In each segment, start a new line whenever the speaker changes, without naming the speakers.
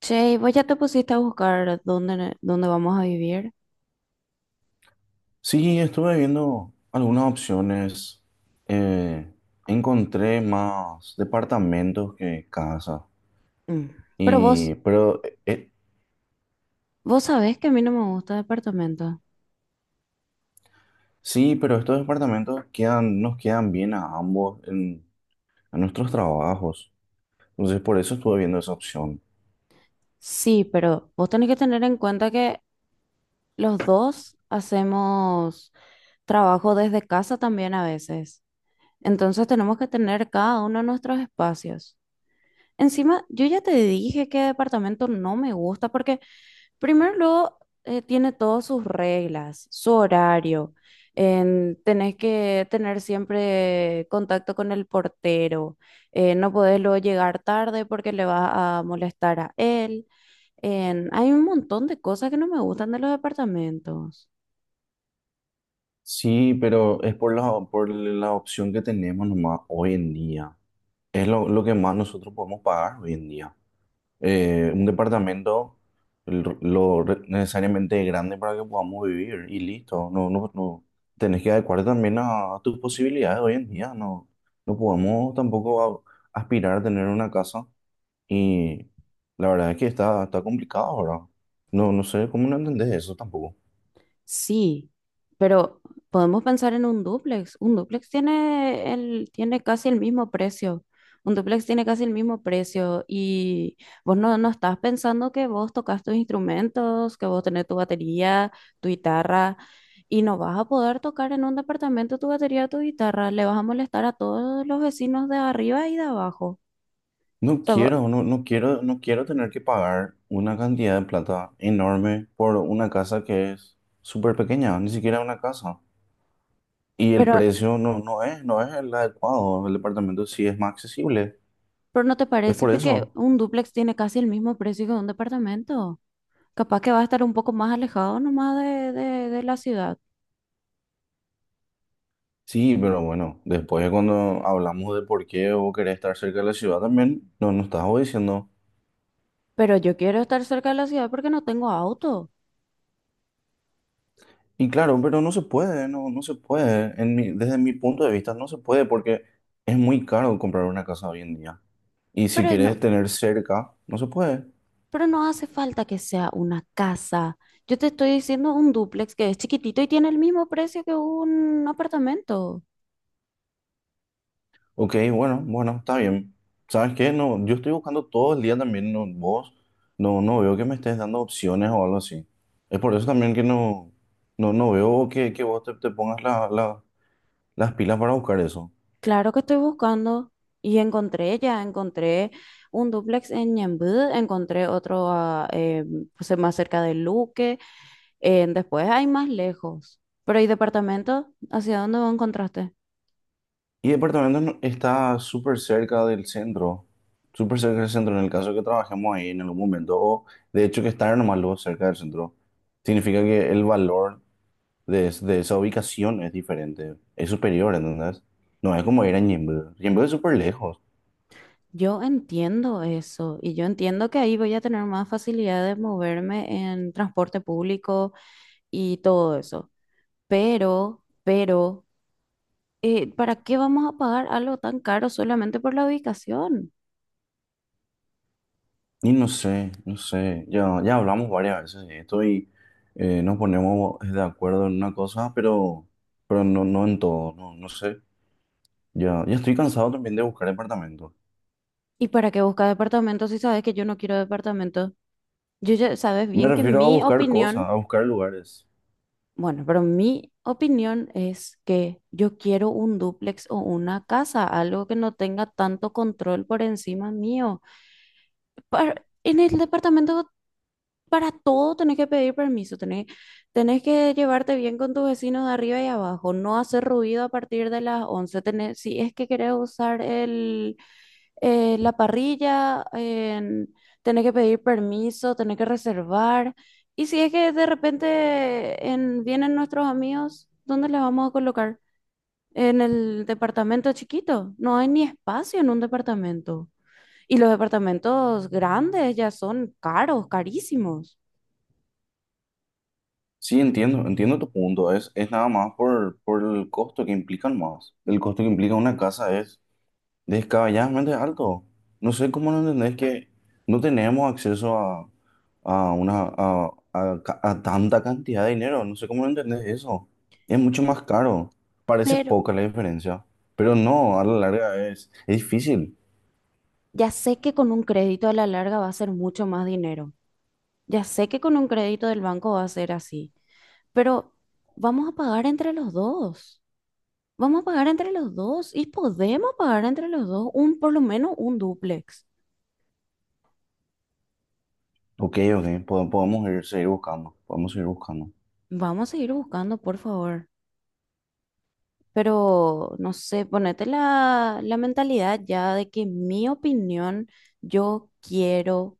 Che, ¿y vos ya te pusiste a buscar dónde vamos a vivir?
Sí, estuve viendo algunas opciones. eh, Encontré más departamentos que casas.
Mm. Pero vos,
Y, pero, eh, eh,
vos sabés que a mí no me gusta departamento.
sí, pero estos departamentos nos quedan bien a ambos en, a nuestros trabajos. Entonces, por eso estuve viendo esa opción.
Sí, pero vos tenés que tener en cuenta que los dos hacemos trabajo desde casa también a veces. Entonces tenemos que tener cada uno nuestros espacios. Encima, yo ya te dije que departamento no me gusta porque primero, luego, tiene todas sus reglas, su horario. Tenés que tener siempre contacto con el portero. No podés luego llegar tarde porque le vas a molestar a él. Hay un montón de cosas que no me gustan de los departamentos.
Sí, pero es por la opción que tenemos nomás hoy en día. Es lo que más nosotros podemos pagar hoy en día. Un departamento necesariamente grande para que podamos vivir y listo. No, no, no. Tenés que adecuar también a tus posibilidades hoy en día. No, no podemos tampoco aspirar a tener una casa y la verdad es que está complicado ahora. No, no sé cómo no entendés eso tampoco.
Sí, pero podemos pensar en un dúplex. Tiene casi el mismo precio. Un dúplex tiene casi el mismo precio. Y vos no estás pensando que vos tocas tus instrumentos, que vos tenés tu batería, tu guitarra, y no vas a poder tocar en un departamento tu batería, tu guitarra. Le vas a molestar a todos los vecinos de arriba y de abajo. O
No
sea, vos-
quiero, no, no quiero, no quiero tener que pagar una cantidad de plata enorme por una casa que es súper pequeña, ni siquiera una casa. Y el
pero,
precio no es el adecuado. El departamento sí es más accesible.
pero ¿no te
Es
parece
por
que
eso.
un dúplex tiene casi el mismo precio que un departamento? Capaz que va a estar un poco más alejado nomás de la ciudad.
Sí, pero bueno, después cuando hablamos de por qué vos querés estar cerca de la ciudad también, no nos estás vos diciendo.
Pero yo quiero estar cerca de la ciudad porque no tengo auto.
Y claro, pero no se puede, no, no se puede. Desde mi punto de vista no se puede porque es muy caro comprar una casa hoy en día. Y si
Pero no,
querés tener cerca, no se puede.
pero no hace falta que sea una casa. Yo te estoy diciendo un dúplex que es chiquitito y tiene el mismo precio que un apartamento.
Ok, bueno, bueno, está bien. ¿Sabes qué? No, yo estoy buscando todo el día también, no, vos, no, no veo que me estés dando opciones o algo así. Es por eso también que no, no, no veo que vos te pongas las pilas para buscar eso.
Claro que estoy buscando y encontré un dúplex en Ñemby, encontré otro a, pues, más cerca de Luque, después hay más lejos. Pero ¿y departamento? ¿Hacia dónde lo encontraste?
Y departamento no- está súper cerca del centro, súper cerca del centro, en el caso que trabajemos ahí en algún momento, o de hecho que estar nomás luego cerca del centro, significa que el valor de esa ubicación es diferente, es superior, ¿entendés? No es como ir a Ñemby. Ñemby es súper lejos.
Yo entiendo eso y yo entiendo que ahí voy a tener más facilidad de moverme en transporte público y todo eso. Pero, pero, ¿Para qué vamos a pagar algo tan caro solamente por la ubicación?
Y no sé, no sé, ya, ya hablamos varias veces de esto y nos ponemos de acuerdo en una cosa, pero no, no en todo, no, no sé. Ya, ya estoy cansado también de buscar departamentos.
¿Y para qué buscar departamentos si sabes que yo no quiero departamentos? Yo ya sabes
Me
bien que
refiero a
mi
buscar cosas,
opinión.
a buscar lugares.
Bueno, pero mi opinión es que yo quiero un dúplex o una casa, algo que no tenga tanto control por encima mío. En el departamento para todo tenés que pedir permiso, tenés que llevarte bien con tus vecinos de arriba y abajo, no hacer ruido a partir de las 11 si es que querés usar la parrilla, en tener que pedir permiso, tener que reservar. Y si es que de repente vienen nuestros amigos, ¿dónde les vamos a colocar? En el departamento chiquito. No hay ni espacio en un departamento. Y los departamentos grandes ya son caros, carísimos.
Sí, entiendo, entiendo tu punto. Es nada más por el costo que implican más. El costo que implica una casa es descabelladamente alto. No sé cómo no entendés que no tenemos acceso a tanta cantidad de dinero. No sé cómo no entendés eso. Es mucho más caro. Parece
Pero
poca la diferencia, pero no, a la larga es difícil.
ya sé que con un crédito a la larga va a ser mucho más dinero. Ya sé que con un crédito del banco va a ser así. Pero vamos a pagar entre los dos. Vamos a pagar entre los dos y podemos pagar entre los dos por lo menos un dúplex.
Ok, ok, podemos ir, seguir buscando. Podemos seguir buscando.
Vamos a seguir buscando, por favor. Pero, no sé, ponete la mentalidad ya de que mi opinión, yo quiero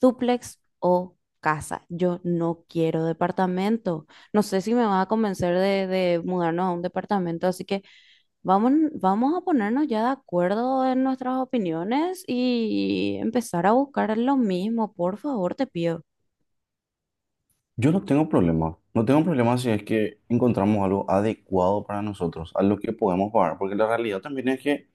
dúplex o casa. Yo no quiero departamento. No sé si me va a convencer de mudarnos a un departamento, así que vamos a ponernos ya de acuerdo en nuestras opiniones y empezar a buscar lo mismo, por favor, te pido.
Yo no tengo problema. No tengo problema si es que encontramos algo adecuado para nosotros, a lo que podemos pagar, porque la realidad también es que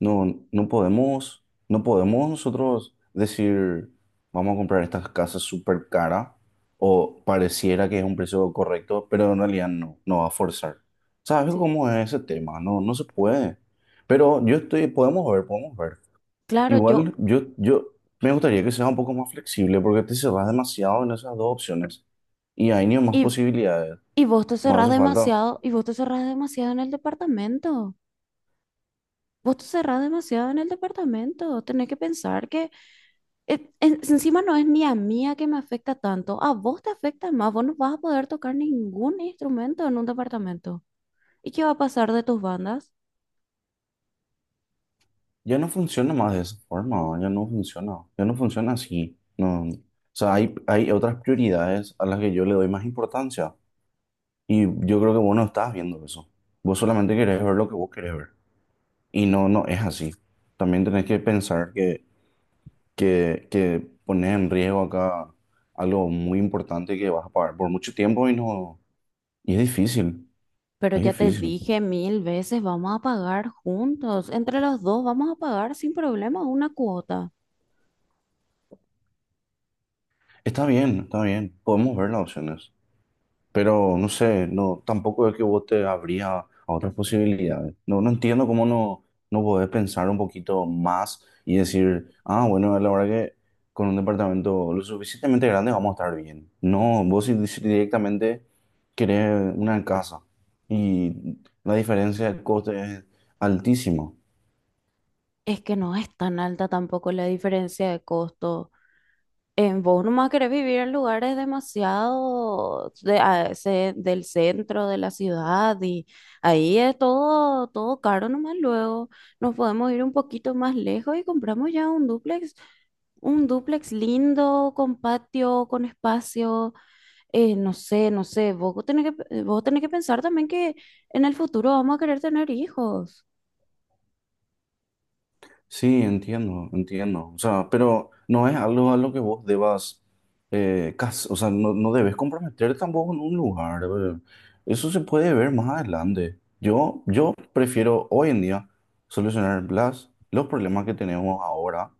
no, no podemos, no podemos nosotros decir, vamos a comprar estas casas súper cara o pareciera que es un precio correcto, pero en realidad no, no va a forzar. ¿Sabes
Sí.
cómo es ese tema? No, no se puede. Pero yo estoy, podemos ver, podemos ver.
Claro, yo,
Igual yo me gustaría que sea un poco más flexible porque te cerras demasiado en esas dos opciones y hay ni más
y,
posibilidades.
y vos te
No
cerrás
hace falta.
demasiado, y vos te cerrás demasiado en el departamento. Vos te cerrás demasiado en el departamento. Tenés que pensar que encima no es ni a mí a que me afecta tanto. A vos te afecta más. Vos no vas a poder tocar ningún instrumento en un departamento. ¿Y qué va a pasar de tus bandas?
Yo no funciona más de esa forma, yo no funciona así. No. O sea, hay otras prioridades a las que yo le doy más importancia y yo creo que vos no estás viendo eso. Vos solamente querés ver lo que vos querés ver y no, no es así. También tenés que pensar que pones en riesgo acá algo muy importante que vas a pagar por mucho tiempo y no, y es difícil,
Pero
es
ya te
difícil.
dije 1000 veces, vamos a pagar juntos. Entre los dos vamos a pagar sin problema una cuota.
Está bien, podemos ver las opciones. Pero no sé, no, tampoco es que vos te abrías a otras posibilidades. No, no entiendo cómo no, no podés pensar un poquito más y decir, ah, bueno, la verdad que con un departamento lo suficientemente grande vamos a estar bien. No, vos si directamente querés una casa y la diferencia de coste es altísima.
Es que no es tan alta tampoco la diferencia de costo. Vos nomás querés vivir en lugares demasiado del centro de la ciudad y ahí es todo, todo caro nomás luego. Nos podemos ir un poquito más lejos y compramos ya un dúplex lindo, con patio, con espacio, no sé, vos tenés vos tenés que pensar también que en el futuro vamos a querer tener hijos.
Sí, entiendo, entiendo. O sea, pero no es algo a lo que vos debas, o sea, no, no debes comprometer tampoco en un lugar. Eso se puede ver más adelante. Yo prefiero hoy en día solucionar los problemas que tenemos ahora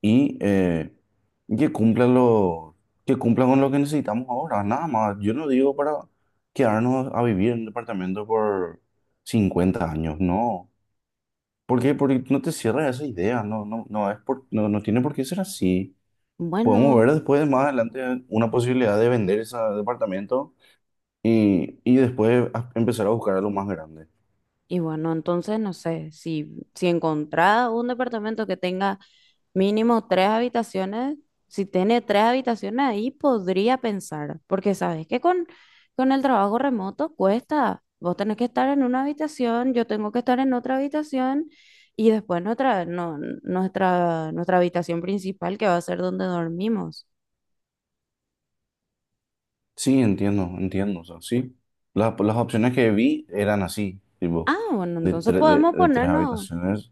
y que cumplan que cumplan con lo que necesitamos ahora. Nada más. Yo no digo para quedarnos a vivir en un departamento por 50 años, no. ¿Por qué? Porque no te cierras esa idea, no, no, no, es por, no, no tiene por qué ser así. Podemos
Bueno.
ver después, más adelante, una posibilidad de vender ese departamento y después empezar a buscar algo más grande.
Y bueno, entonces no sé, si encontrás un departamento que tenga mínimo tres habitaciones, si tiene tres habitaciones ahí podría pensar, porque sabes que con el trabajo remoto cuesta, vos tenés que estar en una habitación, yo tengo que estar en otra habitación y después nuestra, no, nuestra, nuestra habitación principal que va a ser donde dormimos.
Sí, entiendo, entiendo, o sea, sí. Las opciones que vi eran así, tipo,
Ah, bueno, entonces podemos
de 3
ponernos.
habitaciones.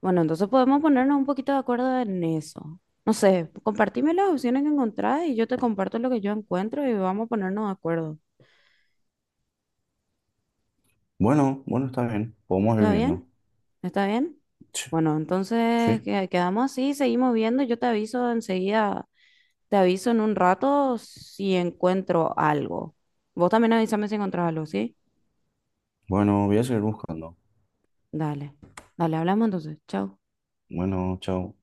Bueno, entonces podemos ponernos un poquito de acuerdo en eso. No sé, compartime las opciones que encontrás y yo te comparto lo que yo encuentro y vamos a ponernos de acuerdo.
Bueno, bueno, está bien, podemos ir
¿Está bien?
viendo.
¿Está bien?
Sí,
Bueno, entonces
sí.
quedamos así, seguimos viendo. Yo te aviso enseguida, te aviso en un rato si encuentro algo. Vos también avísame si encontrás algo, ¿sí?
Bueno, voy a seguir buscando.
Dale, dale, hablamos entonces. Chao.
Bueno, chao.